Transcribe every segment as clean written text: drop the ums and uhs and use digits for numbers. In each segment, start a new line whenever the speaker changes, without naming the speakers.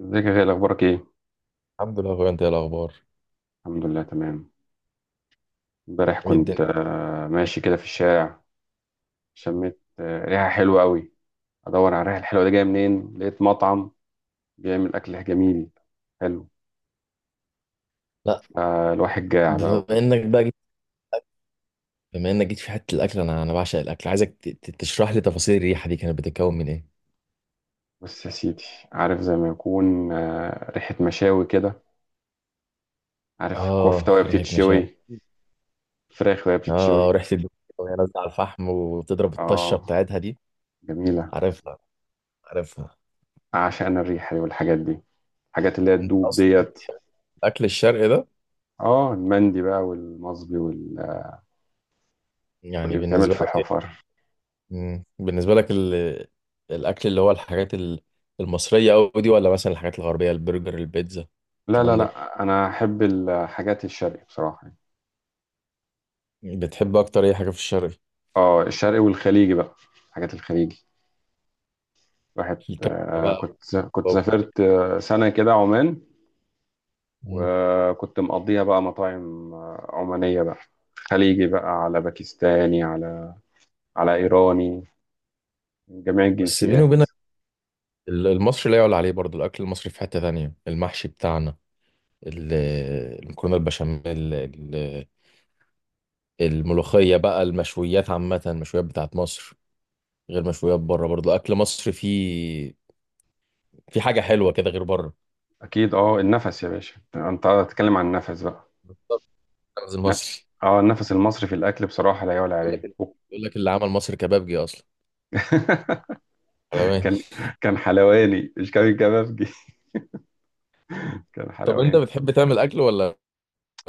ازيك يا غالي؟ اخبارك ايه؟
الحمد لله يا اخويا، انت ايه الاخبار؟
الحمد لله، تمام. امبارح
ايه الدنيا؟
كنت ماشي كده في الشارع. شميت ريحه حلوه قوي. ادور على الريحه الحلوه دي جايه منين، لقيت مطعم بيعمل اكل جميل. حلو.
لا.
فالواحد جاع بقى
بما
وكده.
انك بقى جيت بما انك جيت في حته الاكل، انا بعشق الاكل، عايزك تشرح لي تفاصيل الريحه دي، كانت بتتكون من ايه؟
بص يا سيدي، عارف زي ما يكون ريحه مشاوي كده. عارف الكفته
اه
وهي
ريحه مشاوي.
بتتشوي، فراخ وهي
اه،
بتتشوي.
ريحه الدهون وهي نازله على الفحم وتضرب الطشه
اه،
بتاعتها دي.
جميله.
عارفها، عارفها.
اعشق انا الريحه دي والحاجات دي، الحاجات اللي هي
انت
تدوب
اصلا
ديت.
الاكل الشرقي ده
اه، المندي بقى والمصبي
يعني
واللي بيتعمل
بالنسبه
في
لك ايه؟
حفر.
مم. بالنسبه لك الاكل اللي هو الحاجات المصريه قوي دي، ولا مثلا الحاجات الغربيه البرجر البيتزا
لا لا
الكلام ده؟
لا، انا احب الحاجات الشرقي بصراحه يعني.
بتحب اكتر اي حاجه في الشرق؟
اه الشرقي والخليجي بقى، الحاجات الخليجي. واحد
الكبسة
آه
بقى
كنت كنت
والممبار والكلام
سافرت
ده.
سنه كده عمان.
مم.
وكنت مقضيها بقى مطاعم عمانيه بقى، خليجي بقى، على باكستاني، على ايراني، من جميع
بس بيني
الجنسيات.
وبينك المصري لا يعلى عليه، برضه الأكل المصري في حتة تانية، المحشي بتاعنا ال- المكرونة البشاميل الملوخية بقى، المشويات عامة، المشويات بتاعت مصر غير مشويات بره، برضه أكل مصر فيه، في حاجة حلوة كده غير بره.
اكيد، اه النفس يا باشا، انت هتتكلم عن النفس بقى.
طب أنزل
لا.
مصر.
اه النفس المصري في الاكل بصراحه لا يعلى
يقول
عليه.
لك يقول لك اللي عمل مصر كبابجي أصلا، حلوان.
كان كان حلواني، مش كان كبابجي. كان
طب أنت
حلواني.
بتحب تعمل أكل ولا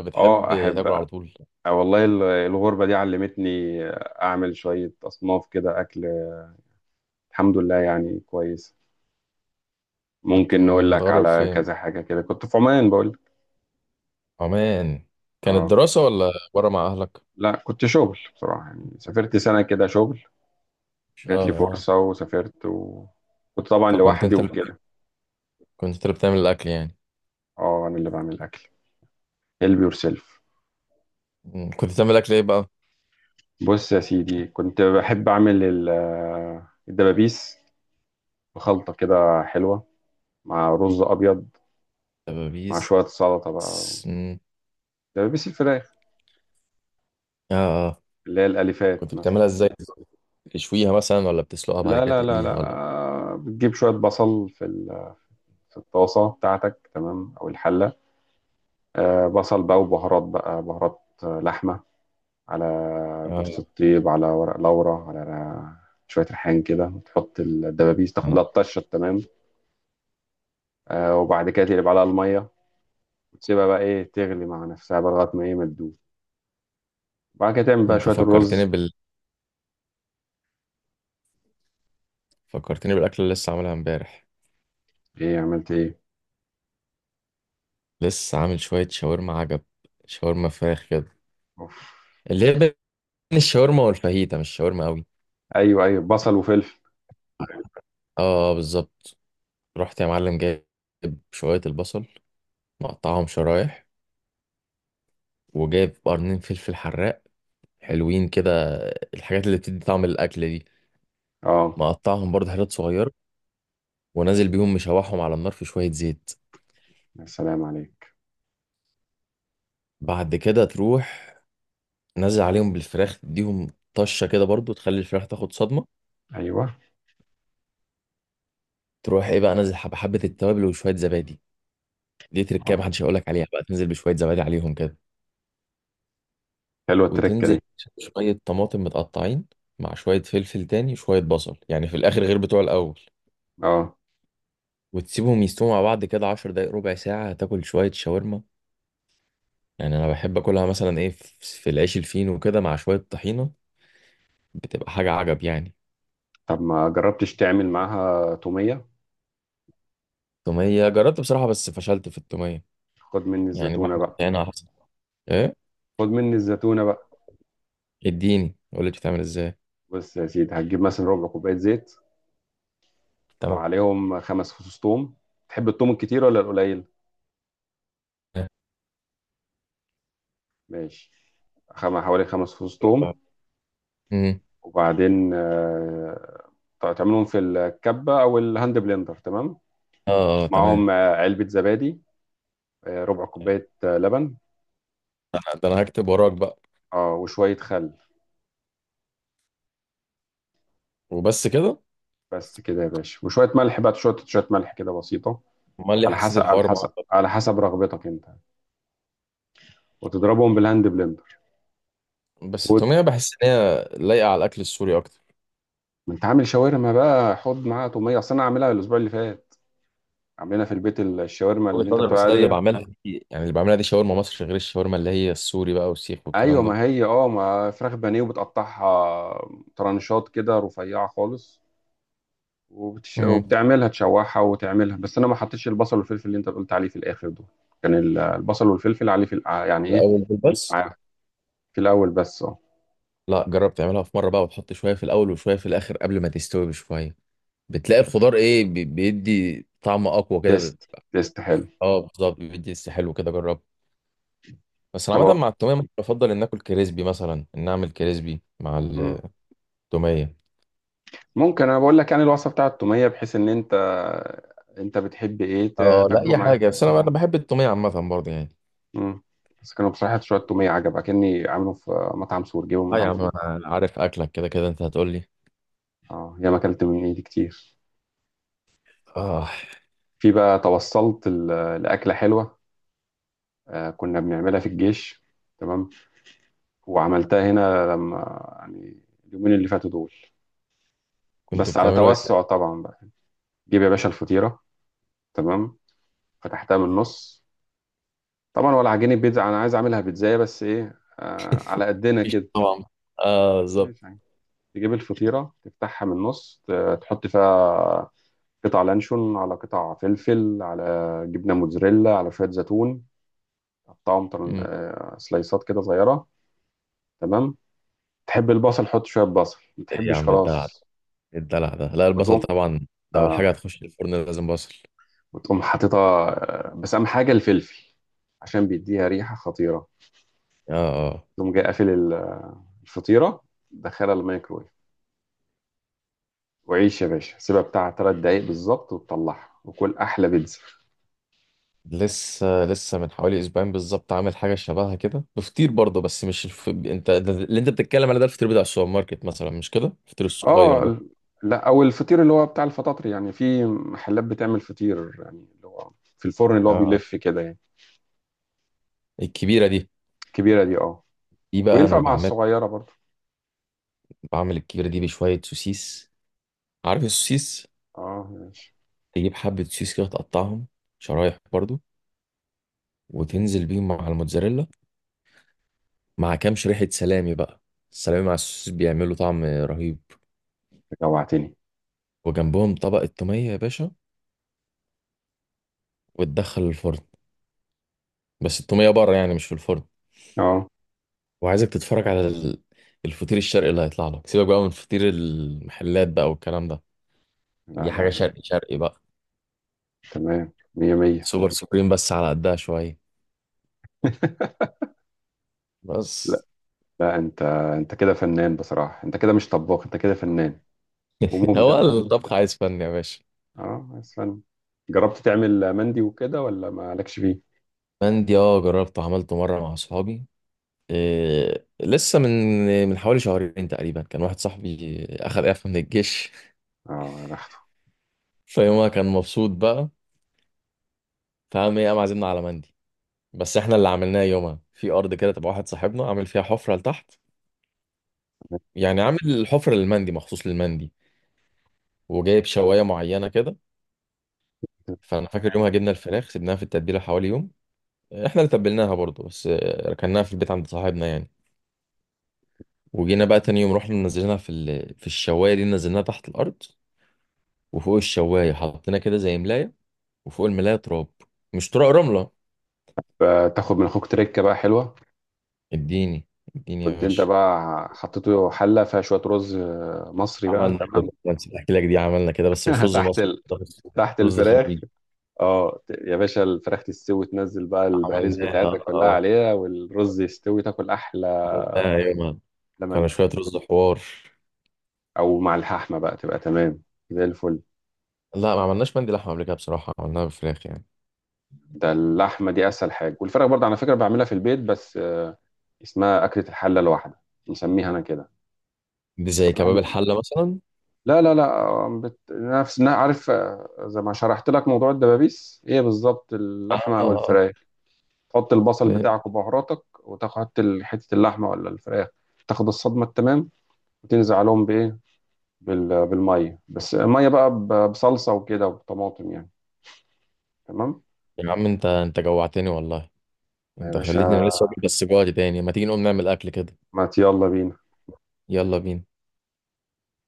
بتحب
اه احب.
تاكل على طول؟
والله الغربة دي علمتني، اعمل شوية اصناف كده اكل. الحمد لله يعني كويس.
كنت
ممكن نقول لك
متغرب
على
فين؟
كذا حاجة كده، كنت في عمان بقول لك.
عمان؟ كانت
اه
دراسة ولا بره مع أهلك؟
لا، كنت شغل بصراحة يعني، سافرت سنة كده شغل.
اه،
جات لي
اه.
فرصة وسافرت، وكنت طبعا
فكنت
لوحدي
أنت اللي
وكده.
كنت أنت اللي بتعمل الأكل يعني؟
اه، انا اللي بعمل الاكل. هيلب يور سيلف.
مم. كنت بتعمل أكل إيه بقى؟
بص يا سيدي، كنت بحب اعمل الدبابيس، بخلطة كده حلوة، مع رز ابيض، مع
دبابيس؟
شوية سلطة بقى،
مم.
دبابيس الفراخ
آه، آه.
اللي هي الاليفات
كنت
مثلا.
بتعملها إزاي؟ تشويها مثلا، ولا بتسلقها بعد
لا
كده
لا لا
تقليها،
لا.
ولا؟
بتجيب شويه بصل في في الطاسه بتاعتك، تمام، او الحله. بصل بقى، وبهارات بقى بهارات لحمه، على جوز
آه.
الطيب، على ورق لورا، على شويه ريحان كده، وتحط الدبابيس تاخد لها
آه.
الطشه، تمام. وبعد كده تقلب عليها الميه، وتسيبها بقى ايه تغلي مع نفسها بقى لغايه ما ايه ما تدوب. وبعد كده تعمل بقى
أنت
شويه
فكرتني
الرز.
فكرتني بالأكل اللي لسه عاملها إمبارح.
ايه عملت ايه؟
لسه عامل شوية شاورما عجب، شاورما فراخ كده،
اوف.
اللي هي بين الشاورما والفاهيتا، مش شاورما قوي.
ايوه ايوه، بصل وفلفل.
اه، بالظبط. رحت يا معلم جايب شوية البصل، مقطعهم شرايح، وجايب قرنين فلفل حراق حلوين كده، الحاجات اللي بتدي طعم الأكل دي،
اه
مقطعهم برضه حتت صغيرة، ونازل بيهم مشوحهم على النار في شوية زيت.
يا سلام عليك.
بعد كده تروح نازل عليهم بالفراخ، تديهم طشة كده برضه، تخلي الفراخ تاخد صدمة.
ايوه.
تروح ايه بقى، نازل حبة حبة التوابل وشوية زبادي، دي تركية
آه.
محدش هيقولك عليها بقى، تنزل بشوية زبادي عليهم كده.
حلوة التركة
وتنزل
دي.
شوية طماطم متقطعين، مع شوية فلفل تاني، شوية بصل يعني في الآخر غير بتوع الأول.
اه
وتسيبهم يستووا مع بعض كده 10 دقايق، ربع ساعة، تاكل شوية شاورما. يعني أنا بحب أكلها مثلا إيه، في العيش الفينو وكده مع شوية طحينة، بتبقى حاجة عجب يعني.
طب ما جربتش تعمل معاها تومية؟
تومية جربت بصراحة، بس فشلت في التومية،
خد مني
يعني
الزيتونة
بعمل
بقى.
طحينة أحسن. إيه؟
خد مني الزيتونة بقى.
اديني قول لي بتتعمل إزاي.
بص يا سيدي، هتجيب مثلا ربع كوباية زيت،
تمام.
وعليهم 5 فصوص توم. تحب التوم الكتير ولا القليل؟ ماشي. حوالي 5 فصوص توم.
امم
وبعدين تعملهم في الكبة أو الهاند بلندر، تمام.
آه، آه، تمام.
معاهم علبة زبادي، ربع كوباية لبن.
ده أنا هكتب وراك بقى.
اه وشوية خل.
وبس كده؟
بس كده يا باشا، وشوية ملح بقى، شوية شوية ملح كده بسيطة.
أمال ليه
على
حسيت
حسب، على
الحوار
حسب،
معقد؟
على حسب رغبتك انت. وتضربهم بالهاند بلندر.
بس
وخد.
التومية بحس إن هي لايقة على الأكل السوري أكتر.
ما انت عامل شاورما بقى، حط معاها توميه. اصل انا عاملها الاسبوع اللي فات، عاملينها في البيت الشاورما
وجهة
اللي انت
نظر،
بتقول
بس انا اللي
عليها دي.
بعملها دي، يعني اللي بعملها دي شاورما مصر، غير الشاورما اللي هي السوري بقى والسيخ
ايوه،
والكلام ده.
ما هي اه ما فراخ بانيه وبتقطعها ترانشات كده رفيعه خالص.
مم.
وبتعملها تشوحها وتعملها، بس انا ما حطيتش البصل والفلفل اللي انت قلت عليه في الاخر دول. كان البصل والفلفل عليه في يعني ايه.
الاول بس.
ع- في الاول بس، اه.
لا، جرب تعملها في مره بقى، وتحط شويه في الاول وشويه في الاخر قبل ما تستوي بشويه، بتلاقي الخضار ايه بيدي طعم اقوى كده،
تيست تيست، حلو.
اه بالظبط، بيدي لسه حلو كده، جرب. بس انا
طب
عامه مع التوميه ممكن بفضل ان اكل كريسبي، مثلا ان اعمل كريسبي مع
مم.
التوميه.
ممكن انا بقول لك يعني الوصفه بتاعه التوميه، بحيث ان انت بتحب ايه
اه لا،
تاكله
اي
معاه.
حاجه، بس انا بحب التوميه عامه برضه يعني.
مم. بس كانوا بصراحه شويه توميه عجبك، كاني عامله في مطعم سور. جيبه من
لا يا
مطعم
عم،
سور.
انا عارف اكلك، كده كده انت هتقول لي.
اه ياما اكلت من ايدي كتير.
اه.
في بقى توصلت لاكله حلوه. كنا بنعملها في الجيش، تمام. وعملتها هنا لما يعني اليومين اللي فاتوا دول،
كنت
بس على
بتعمله ايه؟
توسع طبعا بقى. جيب يا باشا الفطيره، تمام، فتحتها من النص. طبعا ولا عجينه بيتزا، انا عايز اعملها بيتزايه، بس ايه، على قدنا
مفيش
كده.
طبعا. اه،
ما
بالظبط.
فيهاش حاجة. تجيب الفطيرة، تفتحها من النص، تحط فيها قطع لانشون، على قطع فلفل، على جبنة موتزاريلا، على شوية زيتون، تقطعهم
مم.
سلايسات كده صغيرة، تمام. تحب البصل حط شوية بصل، ما
ايه يا
تحبش
عم الدلع ده؟
خلاص.
ايه الدلع ده؟ لا البصل
وتقوم
طبعا، لو الحاجه
آه
هتخش الفرن لازم بصل.
وتقوم حاططها، بس أهم حاجة الفلفل عشان بيديها ريحة خطيرة.
اه، اه.
تقوم جاي قافل الفطيرة، دخلها الميكرويف، وعيش يا باشا، سيبها بتاع 3 دقايق بالظبط، وتطلعها وكل أحلى بيتزا.
لسه لسه من حوالي اسبوعين بالظبط عامل حاجه شبهها كده بفطير برضه، بس مش انت اللي انت بتتكلم عليه ده الفطير بتاع السوبر ماركت مثلا، مش كده، الفطير الصغير
اه
ده.
لا او الفطير اللي هو بتاع الفطاطري يعني، في محلات بتعمل فطير يعني، اللي هو في الفرن اللي هو
اه،
بيلف كده يعني.
الكبيره دي.
الكبيره دي اه.
دي بقى
وينفع
انا
مع
بعمل،
الصغيره برضه.
الكبيره دي بشويه سوسيس. عارف السوسيس؟
اه ماشي،
تجيب حبه سوسيس كده تقطعهم شرايح برضه، وتنزل بيهم مع الموتزاريلا، مع كام شريحة سلامي بقى، السلامي مع السوسيس بيعملوا طعم رهيب.
جوعتني.
وجنبهم طبق التومية يا باشا، وتدخل الفرن. بس التومية بره يعني، مش في الفرن.
اه
وعايزك تتفرج على الفطير الشرقي اللي هيطلع لك، سيبك بقى من فطير المحلات بقى والكلام ده.
لا
دي حاجة
لا لا.
شرقي شرقي بقى،
تمام، مية مية.
سوبر سوبريم، بس على قدها شوية بس.
لا لا، انت كده فنان بصراحه، انت كده مش طباخ، انت كده فنان ومبدع.
هو الطبخ عايز فن يا باشا؟
اه بس فن. جربت تعمل مندي وكده ولا مالكش فيه؟
مندي اه، جربته عملته مرة مع أصحابي، إيه لسه من حوالي شهرين تقريبا. كان واحد صاحبي أخد إعفاء من الجيش،
اه يا بخته.
فيومها كان مبسوط بقى، فقام ايه، قام عازمنا على مندي. بس احنا اللي عملناه يومها في ارض كده تبع واحد صاحبنا، عامل فيها حفره لتحت، يعني عامل الحفره للمندي، مخصوص للمندي، وجايب شوايه معينه كده. فانا فاكر
آه.
يومها جبنا الفراخ سيبناها في التتبيله حوالي يوم، احنا اللي تبلناها برضه، بس ركناها في البيت عند صاحبنا يعني، وجينا بقى تاني يوم رحنا نزلناها في الشوايه دي، نزلناها تحت الارض، وفوق الشوايه حطينا كده زي ملايه، وفوق الملايه تراب، مش تراب، رمله.
فتاخد من اخوك تركه بقى حلوه.
اديني، اديني يا
كنت انت
باشا.
بقى حطيته حله فيها شويه رز مصري بقى،
عملنا
تمام.
كده، ما نسيت احكي لك دي، عملنا كده بس مش رز
تحت
مصر،
ال... تحت
رز
الفراخ.
خليجي.
اه، يا باشا الفراخ تستوي، تنزل بقى البهاريز
عملناها اه،
بتاعتك كلها عليها والرز يستوي، تاكل احلى.
عملناها يومها، كانوا
لمندي
شويه رز حوار.
او مع اللحمه بقى، تبقى تمام، زي الفل.
لا ما عملناش مندي لحمه قبل كده بصراحه، عملناها بفراخ يعني.
ده اللحمه دي اسهل حاجه. والفراخ برضه على فكره بعملها في البيت، بس اسمها اكله الحله الواحده، نسميها انا كده.
دي زي كباب الحله مثلا؟
لا لا لا. نفس عارف زي ما شرحت لك موضوع الدبابيس، هي بالظبط
اه،
اللحمه او
آه،
الفراخ. تحط البصل
آه.
بتاعك وبهاراتك، وتحط حتة اللحمة ولا الفراخ. تاخد الصدمة، التمام. وتنزل عليهم بإيه؟ بالمية، بس مية بقى بصلصة وكده وطماطم يعني. تمام
يا عم انت، جوعتني والله،
يا
انت خليتني
باشا،
انا لسه واكل بس جوعت تاني، ما تيجي نقوم نعمل اكل كده.
ما يلا بينا.
يلا بينا.